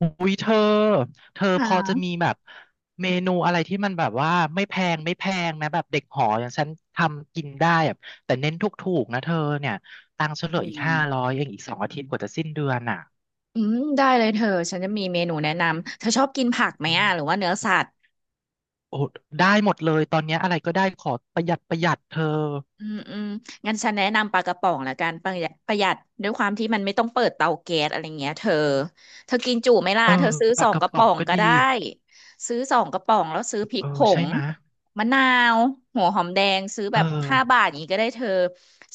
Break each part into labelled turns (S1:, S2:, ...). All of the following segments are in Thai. S1: อุ้ยเธอพ
S2: ค่ะ
S1: อจะมีแบบเมนูอะไรที่มันแบบว่าไม่แพงไม่แพงนะแบบเด็กหออย่างฉันทำกินได้แบบแต่เน้นถูกๆนะเธอเนี่ยตังค์ฉันเหลื
S2: อื
S1: ออีก
S2: ม
S1: 500เองอีก2 อาทิตย์กว่าจะสิ้นเดือนอ่ะ
S2: อืมได้เลยเธอ ฉันจะมีเมนูแนะนำ เธอชอบกินผักไหม
S1: อื
S2: อ่ะ หรือ
S1: ม
S2: ว่าเนื้อสัตว์
S1: โอ้ได้หมดเลยตอนเนี้ยอะไรก็ได้ขอประหยัดประหยัดเธอ
S2: อืมอืมงั้นฉันแนะนำปลากระป๋องละกันประหยัดประหยัดด้วยความที่มันไม่ต้องเปิดเตาแก๊สอะไรเงี้ยเธอเธอกินจุไหมล่ะ
S1: เออ
S2: เธอซื้อ
S1: ป
S2: ส
S1: ลา
S2: อง
S1: กระ
S2: กระ
S1: ป๋อ
S2: ป๋
S1: ง
S2: อง
S1: ก็
S2: ก็
S1: ดี
S2: ได้ซื้อสองกระป๋องแล้วซื้อพริ
S1: เอ
S2: ก
S1: อ
S2: ผ
S1: ใช่
S2: ง
S1: ไหมะ
S2: มะนาวหัวหอมแดงซื้อ
S1: เอ
S2: แบบห้า
S1: อ
S2: บาทอย่างนี้ก็ได้เธอ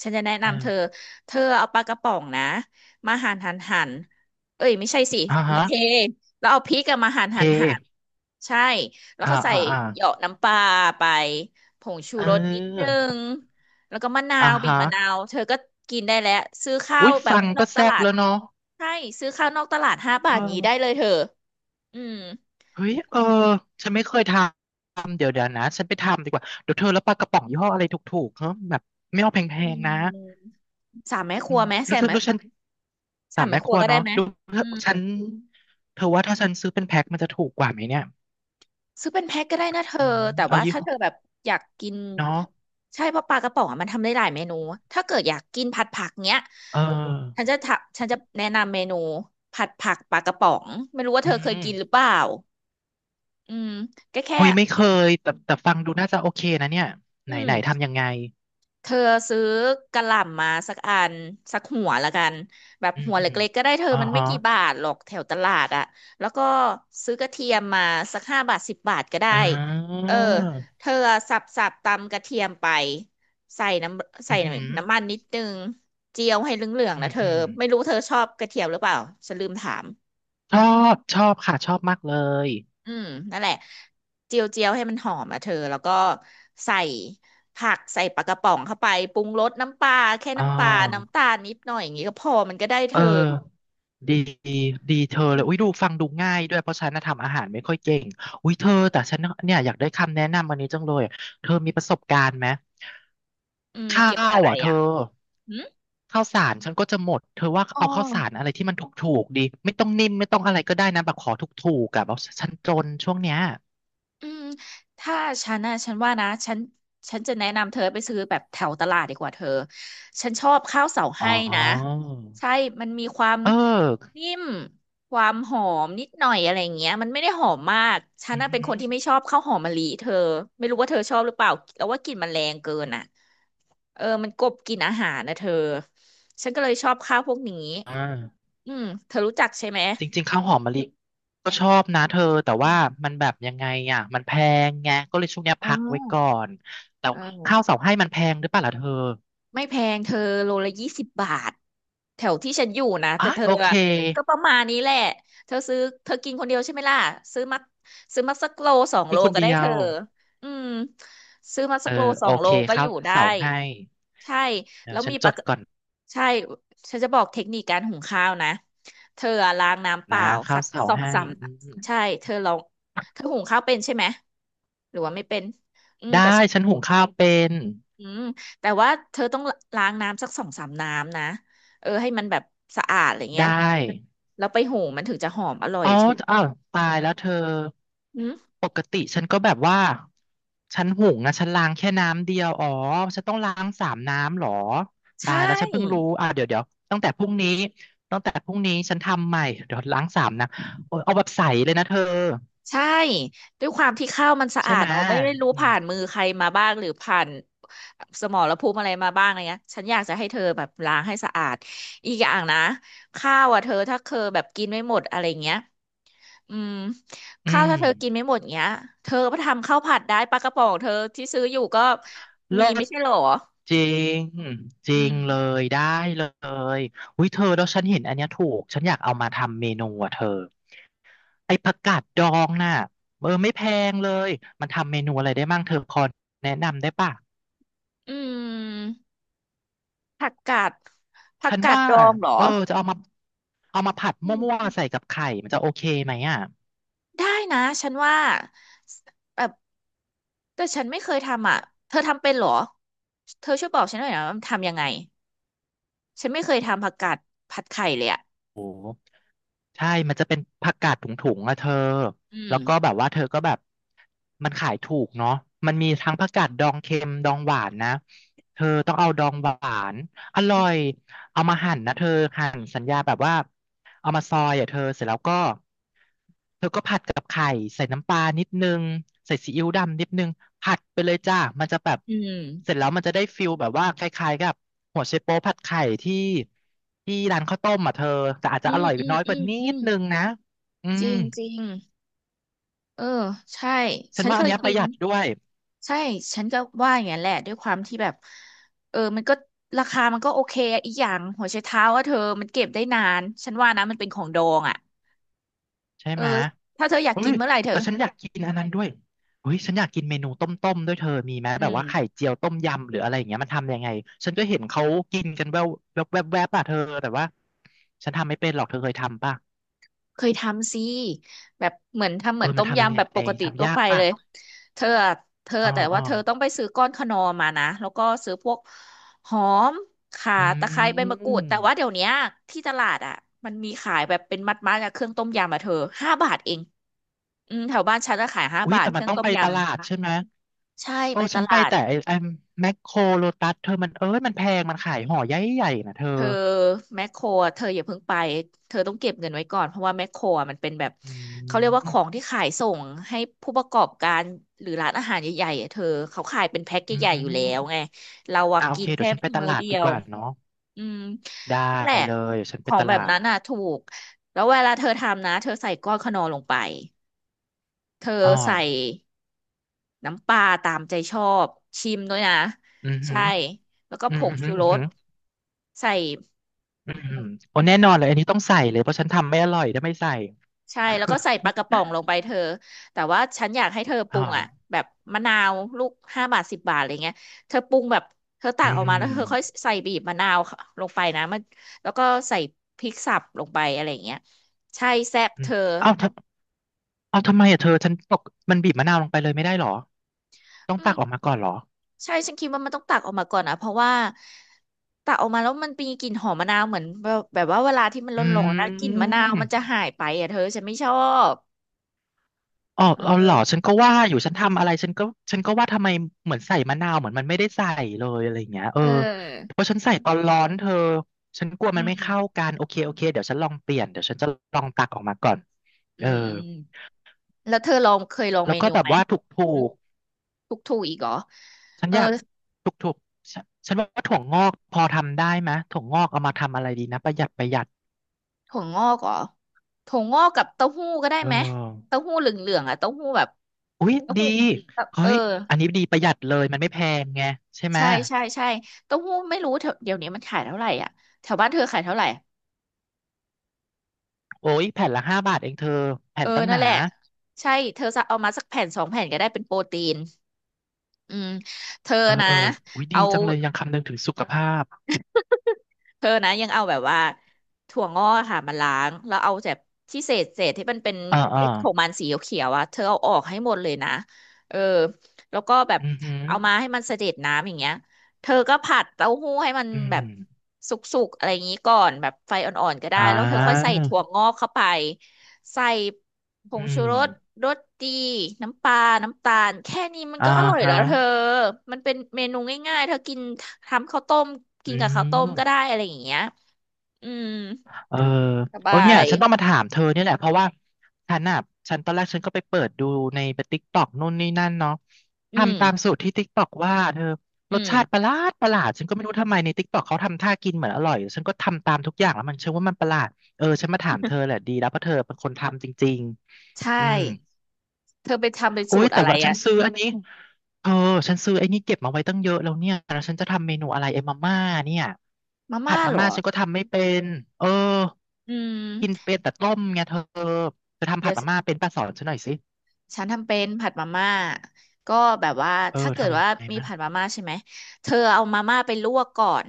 S2: ฉันจะแนะ
S1: เอ
S2: นำเธอ
S1: อ
S2: เธอเอาปลากระป๋องนะมาหั่นหั่นหั่นเอ้ยไม่ใช่สิ
S1: อ่า
S2: มา
S1: ฮะ
S2: เทแล้วเอาพริกอะมาหั่น
S1: เ
S2: หั่นหั่น
S1: พ
S2: ใช่แล้ว
S1: อ่า
S2: ก็ใส่
S1: อ่าอ่า
S2: เหยาะน้ำปลาไปผงชู
S1: เ
S2: รสนิดนึ
S1: ออ
S2: งแล้วก็มะนา
S1: อ่า
S2: วบีบ
S1: ฮะ
S2: มะนาวเธอก็กินได้แล้วซื้อข้า
S1: อุ้
S2: ว
S1: ย
S2: แบบ
S1: ฟัง
S2: นอ
S1: ก็
S2: กต
S1: แซ่บ
S2: ลาด
S1: แล้วเนาะ
S2: ใช่ซื้อข้าวนอกตลาดห้า
S1: เ
S2: บาทนี้ได้
S1: ออ
S2: เลยเธออืม
S1: เฮ้ยเออฉันไม่เคยทำเดี๋ยวเดี๋ยวนะฉันไปทำดีกว่าเดี๋ยวเธอแล้วปลากระป๋องยี่ห้ออะไรถูกๆเฮ้แบบไม่เอาแพ
S2: อื
S1: งๆนะ
S2: มสามแม่ค
S1: อื
S2: รัว
S1: ม
S2: ไหม
S1: รู้
S2: ใส่
S1: ฉั
S2: ไหม
S1: นรู้ฉันสา
S2: สาม
S1: ม
S2: แม่
S1: แม่
S2: ค
S1: ค
S2: รัว
S1: รัว
S2: ก็ได้
S1: เนาะ
S2: ไหม
S1: รู้
S2: อืม
S1: ฉันเธอว่าถ้าฉันซื้อเป็นแพ็คมันจะถูกกว่าไหมเนี่ย
S2: ซื้อเป็นแพ็คก็ได้นะเธอ
S1: อืม
S2: แต่
S1: เอา
S2: ว่า
S1: ยี่
S2: ถ้า
S1: ห้อ
S2: เธอแบบอยากกิน
S1: เนาะ
S2: ใช่เพราะปลากระป๋องอะมันทำได้หลายเมนู ถ้าเกิดอยากกินผัดผักเนี้ย
S1: เออ
S2: ฉันจะแนะนำเมนูผัดผักปลากระป๋องไม่รู้ว่า
S1: อื
S2: เธอเคยกินหรือ
S1: ม
S2: เปล่าอืมก็แค่
S1: เฮ้ยไม่เคยแต่แต่ฟังดูน่าจะโอเคนะเนี่ยไหน
S2: อืม
S1: ไหนทำยังไง
S2: เธอซื้อกะหล่ำมาสักอันสักหัวละกันแบบ
S1: อืม
S2: หัว
S1: อืม
S2: เล็กๆก็ได้เธอ
S1: อ๋อ
S2: มันไม่
S1: ฮะ
S2: กี่บาทหรอกแถวตลาดอะแล้วก็ซื้อกระเทียมมาสัก5 บาท 10 บาทก็ได้
S1: อ่า
S2: เออเธอสับสับตำกระเทียมไปใส่น้ำใส่
S1: อืมอหืม
S2: น้ำมันนิดนึงเจียวให้เหลือง
S1: ออื
S2: ๆนะ
S1: ม
S2: เธอ
S1: อืม
S2: ไม่รู้เธอชอบกระเทียมหรือเปล่าฉันลืมถาม
S1: ชอบชอบค่ะชอบมากเลย
S2: อืมนั่นแหละเจียวเจียวให้มันหอมอ่ะเธอแล้วก็ใส่ผักใส่ปลากระป๋องเข้าไปปรุงรสน้ำปลาแค่
S1: อ่
S2: น้ำปลา
S1: า
S2: น้ำตาลนิดหน่อยอย่างงี้ก็พอมันก็ได้เธ
S1: เออ
S2: อ
S1: ดีดีเธอ
S2: อื
S1: เลย
S2: ม
S1: อุ้ยดูฟังดูง่ายด้วยเพราะฉันน่ะทำอาหารไม่ค่อยเก่งอุ้ยเธอแต่ฉันน่ะเนี่ยอยากได้คำแนะนำอันนี้จังเลยเธอมีประสบการณ์ไหม
S2: อืม
S1: ข้า
S2: เกี่ยวกับ
S1: ว
S2: อะไร
S1: อ่ะเธอ
S2: อ่ะหืม
S1: ข้าวสารฉันก็จะหมดเธอว่า
S2: อ๋อ
S1: เอาข้าวสารอะไรที่มันถูกๆดี ไม่ต้องนิ่มไม่ต้องอะไรก็ได้นะ แบบขอถูกๆกับเอาฉันจนช่วงเนี้ย
S2: อืมถ้าฉันนะฉันว่านะฉันฉันจะแนะนำเธอไปซื้อแบบแถวตลาดดีกว่าเธอฉันชอบข้าวเสา
S1: อ๋
S2: ให้นะ
S1: อ
S2: ใช่มันมีความ
S1: เออ
S2: นิ่มความหอมนิดหน่อยอะไรอย่างเงี้ยมันไม่ได้หอมมากฉัน
S1: อือ
S2: น่ะเป็
S1: หื
S2: นค
S1: อ
S2: นที่ไม่ชอบข้าวหอมมะลิเธอไม่รู้ว่าเธอชอบหรือเปล่าแล้วว่ากลิ่นมันแรงเกินอ่ะเออมันกลบกลิ่นอาหารนะเธอฉันก็เลยชอบข้าวพวกนี้
S1: อ่า
S2: อืมเธอรู้จักใช่ไหม
S1: จริงๆข้าวหอมมะลิก็ชอบนะเธอแต่
S2: อื
S1: ว่า
S2: ม
S1: มันแบบยังไงอ่ะมันแพงไงก็เลยช่วงเนี้ย
S2: อ๋
S1: พักไว้
S2: อ
S1: ก่อนแต่ข้า
S2: เออ
S1: วเสาให้มันแพงหรือเปล่าล่ะเธอ
S2: ไม่แพงเธอโลละ20 บาทแถวที่ฉันอยู่นะ
S1: อ่ะ
S2: แต่เธอ
S1: โอเค
S2: อะก็ประมาณนี้แหละเธอซื้อเธอกินคนเดียวใช่ไหมล่ะซื้อมาซื้อมาสักโลสอง
S1: กิ
S2: โล
S1: นคน
S2: ก็ได้
S1: เดีย
S2: เธอ
S1: ว
S2: อืมซื้อมา
S1: เอ
S2: สั
S1: อ
S2: กโลส
S1: โอ
S2: องโล
S1: เค
S2: ก็อ
S1: ข้า
S2: ยู่
S1: ว
S2: ได้
S1: เสาให้
S2: ใช่
S1: เดี๋ย
S2: แล้
S1: ว
S2: ว
S1: ฉั
S2: มี
S1: น
S2: ป
S1: จ
S2: ลา
S1: ด
S2: กระ
S1: ก่อน
S2: ใช่ฉันจะบอกเทคนิคการหุงข้าวนะเธออะล้างน้ำเป
S1: นะ
S2: ล่า
S1: ข้า
S2: สั
S1: ว
S2: ก
S1: เสา
S2: สอง
S1: ให้
S2: สาม
S1: อืม
S2: ใช่เธอลองเธอหุงข้าวเป็นใช่ไหมหรือว่าไม่เป็น
S1: ได้ฉันหุงข้าวเป็น
S2: อืมแต่ว่าเธอต้องล้างน้ำสักสองสามน้ำนะเออให้มันแบบสะอาดอะไรเงี้
S1: ได้
S2: ยแล้วไปหุงมันถึงจะหอมอร่อย
S1: อ๋อ
S2: เธอ
S1: อ้าวตายแล้วเธอ
S2: อืม
S1: ปกติฉันก็แบบว่าฉันหุงนะฉันล้างแค่น้ำเดียวอ๋อฉันต้องล้างสามน้ำเหรอ
S2: ใช
S1: ตายแล้วฉันเพิ่งรู้
S2: ่
S1: อ่าเดี๋ยวเดี๋ยวตั้งแต่พรุ่งนี้ตั้งแต่พรุ่งนี้ฉันทำใหม่เดี๋ยวล้างสามนะโอ้ยเอาแบบใสเลยนะเธอ
S2: ใช่ด้วยความที่ข้าวมันสะ
S1: ใช่
S2: อาด
S1: ไหม
S2: เนาะไม่รู้
S1: อืม
S2: ผ่านมือใครมาบ้างหรือผ่านสมรภูมิอะไรมาบ้างอะไรเงี้ยฉันอยากจะให้เธอแบบล้างให้สะอาดอีกอย่างนะข้าวอ่ะเธอถ้าเคอแบบกินไม่หมดอะไรเงี้ย อืม
S1: อื
S2: ข้าว
S1: ม
S2: ถ้าเธอกินไม่หมดเงี้ยเธอก็ทำข้าวผัดได้ปลากระป๋องเธอที่ซื้ออยู่ก็
S1: เลิ
S2: มีไม่
S1: ศ
S2: ใช่เหรอ
S1: จริงจ
S2: อื
S1: ริงเล
S2: ม
S1: ยได้เลยอุ้ยเธอแล้วฉันเห็นอันเนี้ยถูกฉันอยากเอามาทำเมนูอ่ะเธอ ไอ้ผักกาดดองน่ะเออไม่แพงเลยมันทำเมนูอะไรได้มั่งเธอพอแนะนำได้ป่ะ
S2: อืม ผักกาดผัก
S1: ฉัน
S2: กาด
S1: ว่า
S2: ดองเหรอ
S1: เออจะเอามาผัด
S2: อื
S1: มั่ว
S2: ม
S1: ๆใส่กับไข่มันจะโอเคไหมอ่ะ
S2: ได้นะ ฉันว่าแบบแต่ฉันไม่เคยทำอ่ะเธอทำเป็นเหรอเธอช่วยบอกฉันหน่อยนะว่าทำยังไง ฉันไม่เคยทำผักกาดผัดไข่เลยอ่ะ
S1: โอ้ใช่มันจะเป็นผักกาดถุงๆอะเธอ
S2: อืม
S1: แล้วก็แบบว่าเธอก็แบบมันขายถูกเนาะมันมีทั้งผักกาดดองเค็มดองหวานนะเธอต้องเอาดองหวานอร่
S2: อื
S1: อย
S2: ม
S1: เอามาหั่นนะเธอหั่นสัญญาแบบว่าเอามาซอยอ่ะเธอเสร็จแล้วก็เธอก็ผัดกับไข่ใส่น้ำปลานิดนึงใส่ซีอิ๊วดำนิดนึงผัดไปเลยจ้ามันจะแบบเสร็จแล้วมันจะได้ฟิลแบบว่าคล้ายๆกับหัวไชโป๊วผัดไข่ที่ร้านข้าวต้มอ่ะเธอแต่อาจจะ
S2: อื
S1: อ
S2: ม
S1: ร่อย
S2: อืม
S1: น้อยก
S2: อื
S1: ว่า
S2: ม
S1: นิ
S2: อื
S1: ด
S2: มอืม
S1: นึงนะอื
S2: จ
S1: ม
S2: ริงจริงเออใช่
S1: ฉัน
S2: ฉัน
S1: ว่า
S2: เค
S1: อัน
S2: ย
S1: เนี้ยป
S2: กิ
S1: ระ
S2: น
S1: หยัดด้วย
S2: ใช่ ฉันก็ว่าอย่างนั้นแหละ ด้วยความที่แบบเออมันก็ราคามันก็โอเคอะอีกอย่าง หัวไชเท้าว่าเธอมันเก็บได้นาน ฉันว่านะมันเป็นของดองอ่ะ
S1: ใช่
S2: เออ
S1: ไหมะ
S2: ถ้าเธออยาก
S1: เฮ้
S2: กิ
S1: ย
S2: นเมื่อไหร่เธอ
S1: แต่ฉันอยากกินอันนั้นด้วยเฮ้ยฉันอยากกินเมนูต้มๆด้วยเธอมีไหม
S2: อื
S1: แบบว่าไข่
S2: ม
S1: เจียวต้มยำหรืออะไรอย่างเงี้ยมันทำยังไงฉันก็เห็นเขากินกันแววแวบๆแวบๆอะเธอแต่ว่าฉันทำไม่เป็นหรอกเธอเคยทำป่ะ
S2: เคยทำสิแบบเหมือนทำเห
S1: เอ
S2: มื
S1: อ
S2: อน
S1: มั
S2: ต้
S1: น
S2: ม
S1: ทำยัง
S2: ยำ
S1: ไง
S2: แบบปกติ
S1: ทำ
S2: ทั่ว
S1: ยา
S2: ไป
S1: กป่ะ
S2: เลยเธออะเธอ
S1: อ๋อ
S2: แต่
S1: อ๋
S2: ว่า
S1: อ
S2: เธอต้องไปซื้อก้อนขนอมมานะ แล้วก็ซื้อพวกหอมข่า
S1: อื
S2: ตะไคร้ใบมะกรูดแต่ว่าเดี๋ย
S1: ม
S2: วเนี้ยที่ตลาดอ่ะมันมีขายแบบเป็นมัดๆอะเครื่องต้มยำอ่ะเธอห้าบาทเอง อืมแถวบ้านฉันจะขายห้า
S1: อุ้ย
S2: บาท
S1: แต่
S2: เค
S1: มัน
S2: รื่อง
S1: ต้อง
S2: ต้ม
S1: ไป
S2: ย
S1: ตลาดใช่ไหม
S2: ำใช่
S1: โอ้
S2: ไปต
S1: ฉันไป
S2: ลาด
S1: แต่ไอ้ไอ้แมคโครโลตัสเธอมันเอ้ยมันแพงมันขายห่อใหญ่ๆนะเธอ
S2: เธอแมคโครอะเธออย่าเพิ่งไปเธอต้องเก็บเงินไว้ก่อนเพราะว่าแมคโครอะมันเป็นแบบ
S1: อื
S2: เขาเรียกว่าขอ
S1: ม
S2: งที่ขายส่งให้ผู้ประกอบการหรือร้านอาหารใหญ่ๆอะเธอเขาขายเป็นแพ็ค
S1: อื
S2: ใหญ่ๆอยู่แล้วไง
S1: ม
S2: เราอะ
S1: อ่าโอ
S2: กิ
S1: เค
S2: น
S1: เดี๋ย
S2: แค่
S1: วฉันไปต
S2: มื้อ
S1: ลาด
S2: เดี
S1: ดี
S2: ย
S1: ก
S2: ว
S1: ว่าเนาะ
S2: อืม
S1: ได้
S2: นั่นแหละ
S1: เลยฉัน
S2: ข
S1: ไป
S2: อง
S1: ต
S2: แบ
S1: ลา
S2: บ
S1: ด
S2: นั้นน่ะถูกแล้วเวลาเธอทำนะเธอใส่ก้อนขนอลงไปเธอ
S1: อ้อ
S2: ใส่ น้ำปลาตามใจชอบชิมด้วยนะ
S1: อือหื
S2: ใช่
S1: อ
S2: แล้วก็
S1: อื
S2: ผ
S1: มอื
S2: ง
S1: อหือ
S2: ชู
S1: อื
S2: ร
S1: อหื
S2: ส
S1: อ
S2: ใส่
S1: อือหือโอ้แน่นอนเลยอันนี้ต้องใส่เลยเพราะฉันทำไม่อร่อยถ้าไม่ใส่
S2: ใช่แล้วก็ใส่ปลากระป๋องลงไป เธอแต่ว่าฉันอยากให้เธอป
S1: อ๋
S2: รุ
S1: อ
S2: งอ่ะแบบมะนาวลูกห้าบาทสิบบาทอะไรเงี้ยเธอปรุงแบบเธอตั
S1: อื
S2: กออกมาแล้วเธอค่อย
S1: ม
S2: ใส่บีบมะนาวลงไปนะมันแล้วก็ใส่พริกสับลงไปอะไราเงี้ยใช่แซ่บ
S1: อื
S2: เธ
S1: ม
S2: อ
S1: เอ้าทำเอ้าทำไมอ่ะเธอฉันตกมันบีบมะนาวลงไปเลยไม่ได้หรอต้องตักออก
S2: อื
S1: มาก่อนหรอ
S2: ใช่ฉันคิดว่ามันต้องตักออกมาก่อนนะเพราะว่าตักออกมาแล้วมันมีกลิ่นหอมมะนาวเหมือนแบบว่าเวลาที่มัน
S1: อ
S2: ร้อนๆนะ
S1: ื
S2: กลิ่นมะนาวมันจะ
S1: ม
S2: หายไปอ่ะเธอฉันไม่ชอบ
S1: อ๋อ
S2: เ
S1: เอาเหรอ
S2: ออ
S1: ฉันก็ว่าอยู่ฉันทำอะไรฉันก็ฉันก็ว่าทำไมเหมือนใส่มะนาวเหมือนมันไม่ได้ใส่เลยอะไรอย่างเงี้ยเออ
S2: เออ
S1: เพราะฉันใส่ตอนร้อนเธอฉันกลัว
S2: อื
S1: มันไม่
S2: ม
S1: เข้ากันโอเคโอเคเดี๋ยวฉันลองเปลี่ยนเดี๋ยวฉันจะลองตักออกมาก่อน
S2: อื
S1: เออ
S2: มอืมแล้วเธอลองเคยลอง
S1: แล้
S2: เม
S1: วก็
S2: นู
S1: แบบ
S2: ไหม
S1: ว่าถูกถู
S2: หึ
S1: ก
S2: ทุกถูกอีกเหรอ
S1: ฉัน
S2: เออ
S1: อยากถูกถูกฉันฉันว่าถั่วงอกพอทำได้ไหมยถั่วงอกเอามาทำอะไรดีนะประหยัดประหยัด
S2: ถั่วงอกเหรอถั่วงอกกับเต้าหู้ก็ได้
S1: เอ
S2: ไหม
S1: อ
S2: เต้าหู้เหลืองๆอ่ะเต้าหู้แบบ
S1: อุ๊ย
S2: เต้า
S1: ดี
S2: หู้แบบ
S1: เฮ้
S2: เออ
S1: ยอันนี้ดีประหยัดเลยมันไม่แพงไงใช่ไหม
S2: ใช่
S1: ย
S2: ใช่ใช่เต้าหู้ไม่รู้เถอะเดี๋ยวนี้มันขายเท่าไหร่อ่ะแถวบ้านเธอขายเท่าไหร่
S1: โอ้ยแผ่นละ5 บาทเองเธอแผ่
S2: เออ
S1: นตั้งห
S2: นั่น
S1: นา
S2: แหละใช่เธอจะเอามาสักแผ่นสองแผ่นก็ได้เป็นโปรตีนอืมเธอ
S1: เออ
S2: นะ
S1: เอออุ้ยดี
S2: เอา
S1: จังเลยยังคำนึงถึงสุขภาพ
S2: เธอนะยังเอาแบบว่าถั่วงอกค่ะมาล้างแล้วเอาแบบที่เศษที่มันเป็น
S1: อ่าอ่า
S2: เม็ดของมันสีเขียวๆอ่ะเธอเอาออกให้หมดเลยนะเออแล้วก็แบบ
S1: อือหือ
S2: เอามาให้มันเสด็จน้ำอย่างเงี้ยเธอก็ผัดเต้าหู้ให้มัน
S1: อื
S2: แบบ
S1: ม
S2: สุกๆอะไรอย่างงี้ก่อนแบบไฟอ่อนๆก็ได้
S1: อ่า
S2: แล้วเธอค่อยใส่ถั่วงอกเข้าไปใส่ ผ
S1: อื
S2: งชู
S1: ม
S2: รสรสดีน้ำปลาน้ำตาล แค่นี้มัน
S1: อ่า
S2: ก็อร่อย
S1: ฮะ
S2: แล้วเธอ มันเป็นเมนูง่ายๆเธอกินทำข้าวต้มกิ
S1: อื
S2: นกับข้าวต้มก็ได้
S1: ม
S2: อะไรอย่างเงี้ยอืม
S1: เออ
S2: สบ
S1: เออ
S2: า
S1: เนี่ย
S2: ย
S1: ฉันต้องมาถามเธอเนี่ยแหละเพราะว่าฉันอ่ะฉันตอนแรกฉันก็ไปเปิดดูในติ๊กต็อกนู่นนี่นั่นเนาะ
S2: อืม
S1: ทำตามสูตรที่ติ๊กต็อกว่าเธอ
S2: อื
S1: รส
S2: ม
S1: ชาติประหลาดประหลาดฉันก็ไม่รู้ทำไมในติ๊กต็อกเขาทำท่ากินเหมือนอร่อยฉันก็ทำตามทุกอย่างแล้วมันเชื่อว่ามันประหลาดเออฉันมาถามเธอแหละดีแล้วเพราะเธอเป็นคนทำจริง
S2: ใช่
S1: ๆอืม
S2: เธอไปทำเป็น
S1: โอ้
S2: สู
S1: ย
S2: ตร
S1: แต่
S2: อะไร
S1: ว่าฉัน
S2: อะ
S1: ซื้ออันนี้เธอฉันซื้อไอ้นี่เก็บมาไว้ตั้งเยอะแล้วเนี่ยแล้วฉันจะทำเมนูอะไรไอ้มาม่าเนี่ย
S2: มา
S1: ผั
S2: ม่า
S1: ดมา
S2: เหร
S1: ม่า
S2: อ
S1: ฉันก็ทำไม่เป็นเออ
S2: อื
S1: กิน
S2: ม
S1: เป็นแต่ต้มไงเธอเธอทำผั
S2: เดี๋ย
S1: ด
S2: ว
S1: มาม่าเป็นป้าสอนฉันหน่อยสิ
S2: ฉันทำเป็นผัดมาม่าก็แบบว่า
S1: เอ
S2: ถ้า
S1: อ
S2: เกิด
S1: ทำยัง
S2: ว่า
S1: ไง
S2: มี
S1: มั่ง
S2: ผัดมาม่าใช่ไหมเธอเอามาม่าไปลวกก่อน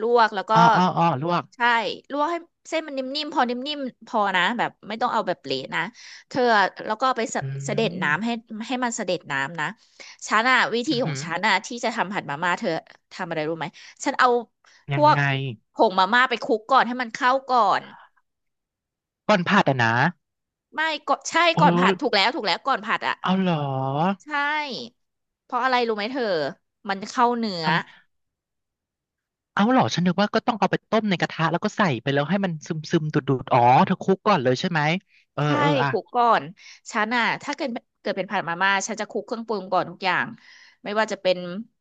S2: ลวกแล้วก็
S1: อ้ออ้ออ้อลวก
S2: ใช่ลวกให้เส้นมันนิ่มๆพอนิ่มๆพอนะแบบไม่ต้องเอาแบบเละนะเธอแล้วก็ไปสะ
S1: อื
S2: เสด็จน้ำให้
S1: ม
S2: ให้มันเสด็จน้ำนะฉันอะวิธี
S1: อือ
S2: ขอ
S1: หื
S2: ง
S1: อ
S2: ฉันอะที่จะทำผัดมาม่าเธอทำอะไรรู้ไหมฉันเอาพ
S1: ยัง
S2: วก
S1: ไง
S2: ผงมาม่าไปคลุกก่อนให้มันเข้าก่อน
S1: ก่อนผัดอ่ะนะ
S2: ไม่ก็ใช่
S1: เออ
S2: ก่อนผัดถูกแล้วถูกแล้วก่อนผัดอะ
S1: เอาเหรอ
S2: ใช่ เพราะอะไรรู้ไหมเธอ มันเข้าเนื้อ
S1: ทำเอาเหรอฉันนึกว่าก็ต้องเอาไปต้มในกระทะแล้วก็ใส่ไปแล้วให้มันซึมซึมดูดดูดอ๋อเธอคลุกก่อนเลยใช่ไหมเออ
S2: ใช่
S1: เออ
S2: ค
S1: อ่ะ
S2: ลุกก่อน ฉันอ่ะถ้าเกิดเป็นผัดมาม่าฉันจะคลุกเครื่องปรุงก่อนทุกอย่างไม่ว่าจะเป็น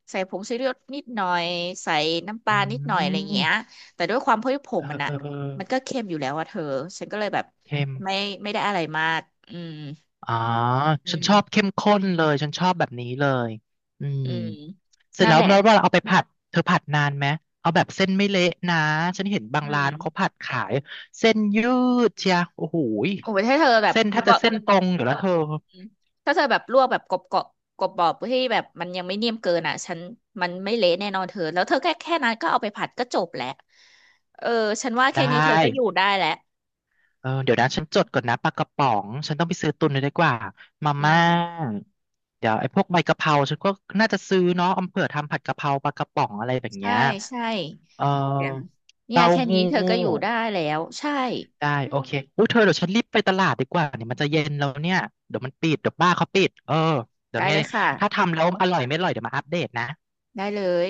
S2: ใส่ผงชูรสนิดหน่อยใส่น้ำป
S1: อื
S2: ลานิดหน่อยอะไรเงี้ย
S1: ม
S2: แต่ด้วยความที่ผ
S1: เอ
S2: ม
S1: อ
S2: มัน
S1: เอ
S2: อ่ะ
S1: อเออ
S2: มันก็เค็มอยู่แล้วอะเธอฉันก็เลยแบบ
S1: เข้ม
S2: ไม่ไม่ได้อะไรมากอืม
S1: อ๋อ
S2: อื
S1: ฉัน
S2: ม
S1: ชอบเข้มข้นเลยฉันชอบแบบนี้เลยอืม
S2: อืม
S1: เสร็จ
S2: นั่น
S1: แล้ว
S2: แหละ
S1: แล้วเราเอาไปผัดเธอผัดนานไหมเอาแบบเส้นไม่เละนะฉันเห็นบาง
S2: อื
S1: ร้า
S2: ม
S1: นเขาผัดขายเส้นยืดเชียโอ้โหย
S2: โอ้ยถ้าเธอแบบ
S1: เส้นแท
S2: ล
S1: บ
S2: ว
S1: จะ
S2: ก
S1: เส้นตรงอยู่แล้วเธอ
S2: ถ้าเธอแบบลวกแบบกรอบกรอบกรอบๆที่แบบมันยังไม่เนียมเกินอ่ะฉันมันไม่เละแน่นอนเธอแล้วเธอแค่นั้นก็เอาไปผัดก็จบแล้วเออฉันว่า
S1: ได้
S2: แค่นี้เธอก็อยู่ได้แล้ว
S1: เออเดี๋ยวนะฉันจดก่อนนะปลากระป๋องฉันต้องไปซื้อตุนเลยดีกว่ามา
S2: อื
S1: ม่า
S2: ม
S1: เดี๋ยวไอ้พวกใบกะเพราฉันก็น่าจะซื้อเนาะเอาเผื่อทำผัดกะเพราปลากระป๋องอะไรแบบ
S2: ใช่
S1: เนี้ย
S2: ใช่
S1: เอ่อ
S2: เนี่ย
S1: เต้า
S2: แค่นี้
S1: หู้
S2: เธอก็อยู่ได้แล้วใช่
S1: ได้โอเคอุ้ยเธอเดี๋ยวฉันรีบไปตลาดดีกว่าเนี่ยมันจะเย็นแล้วเนี่ยเดี๋ยวมันปิดเดี๋ยวบ้านเขาปิดเออเดี๋ย
S2: ได้
S1: วไง
S2: เลยค่ะ
S1: ถ้าทำแล้วอร่อยไม่อร่อยเดี๋ยวมาอัปเดตนะ
S2: ได้เลย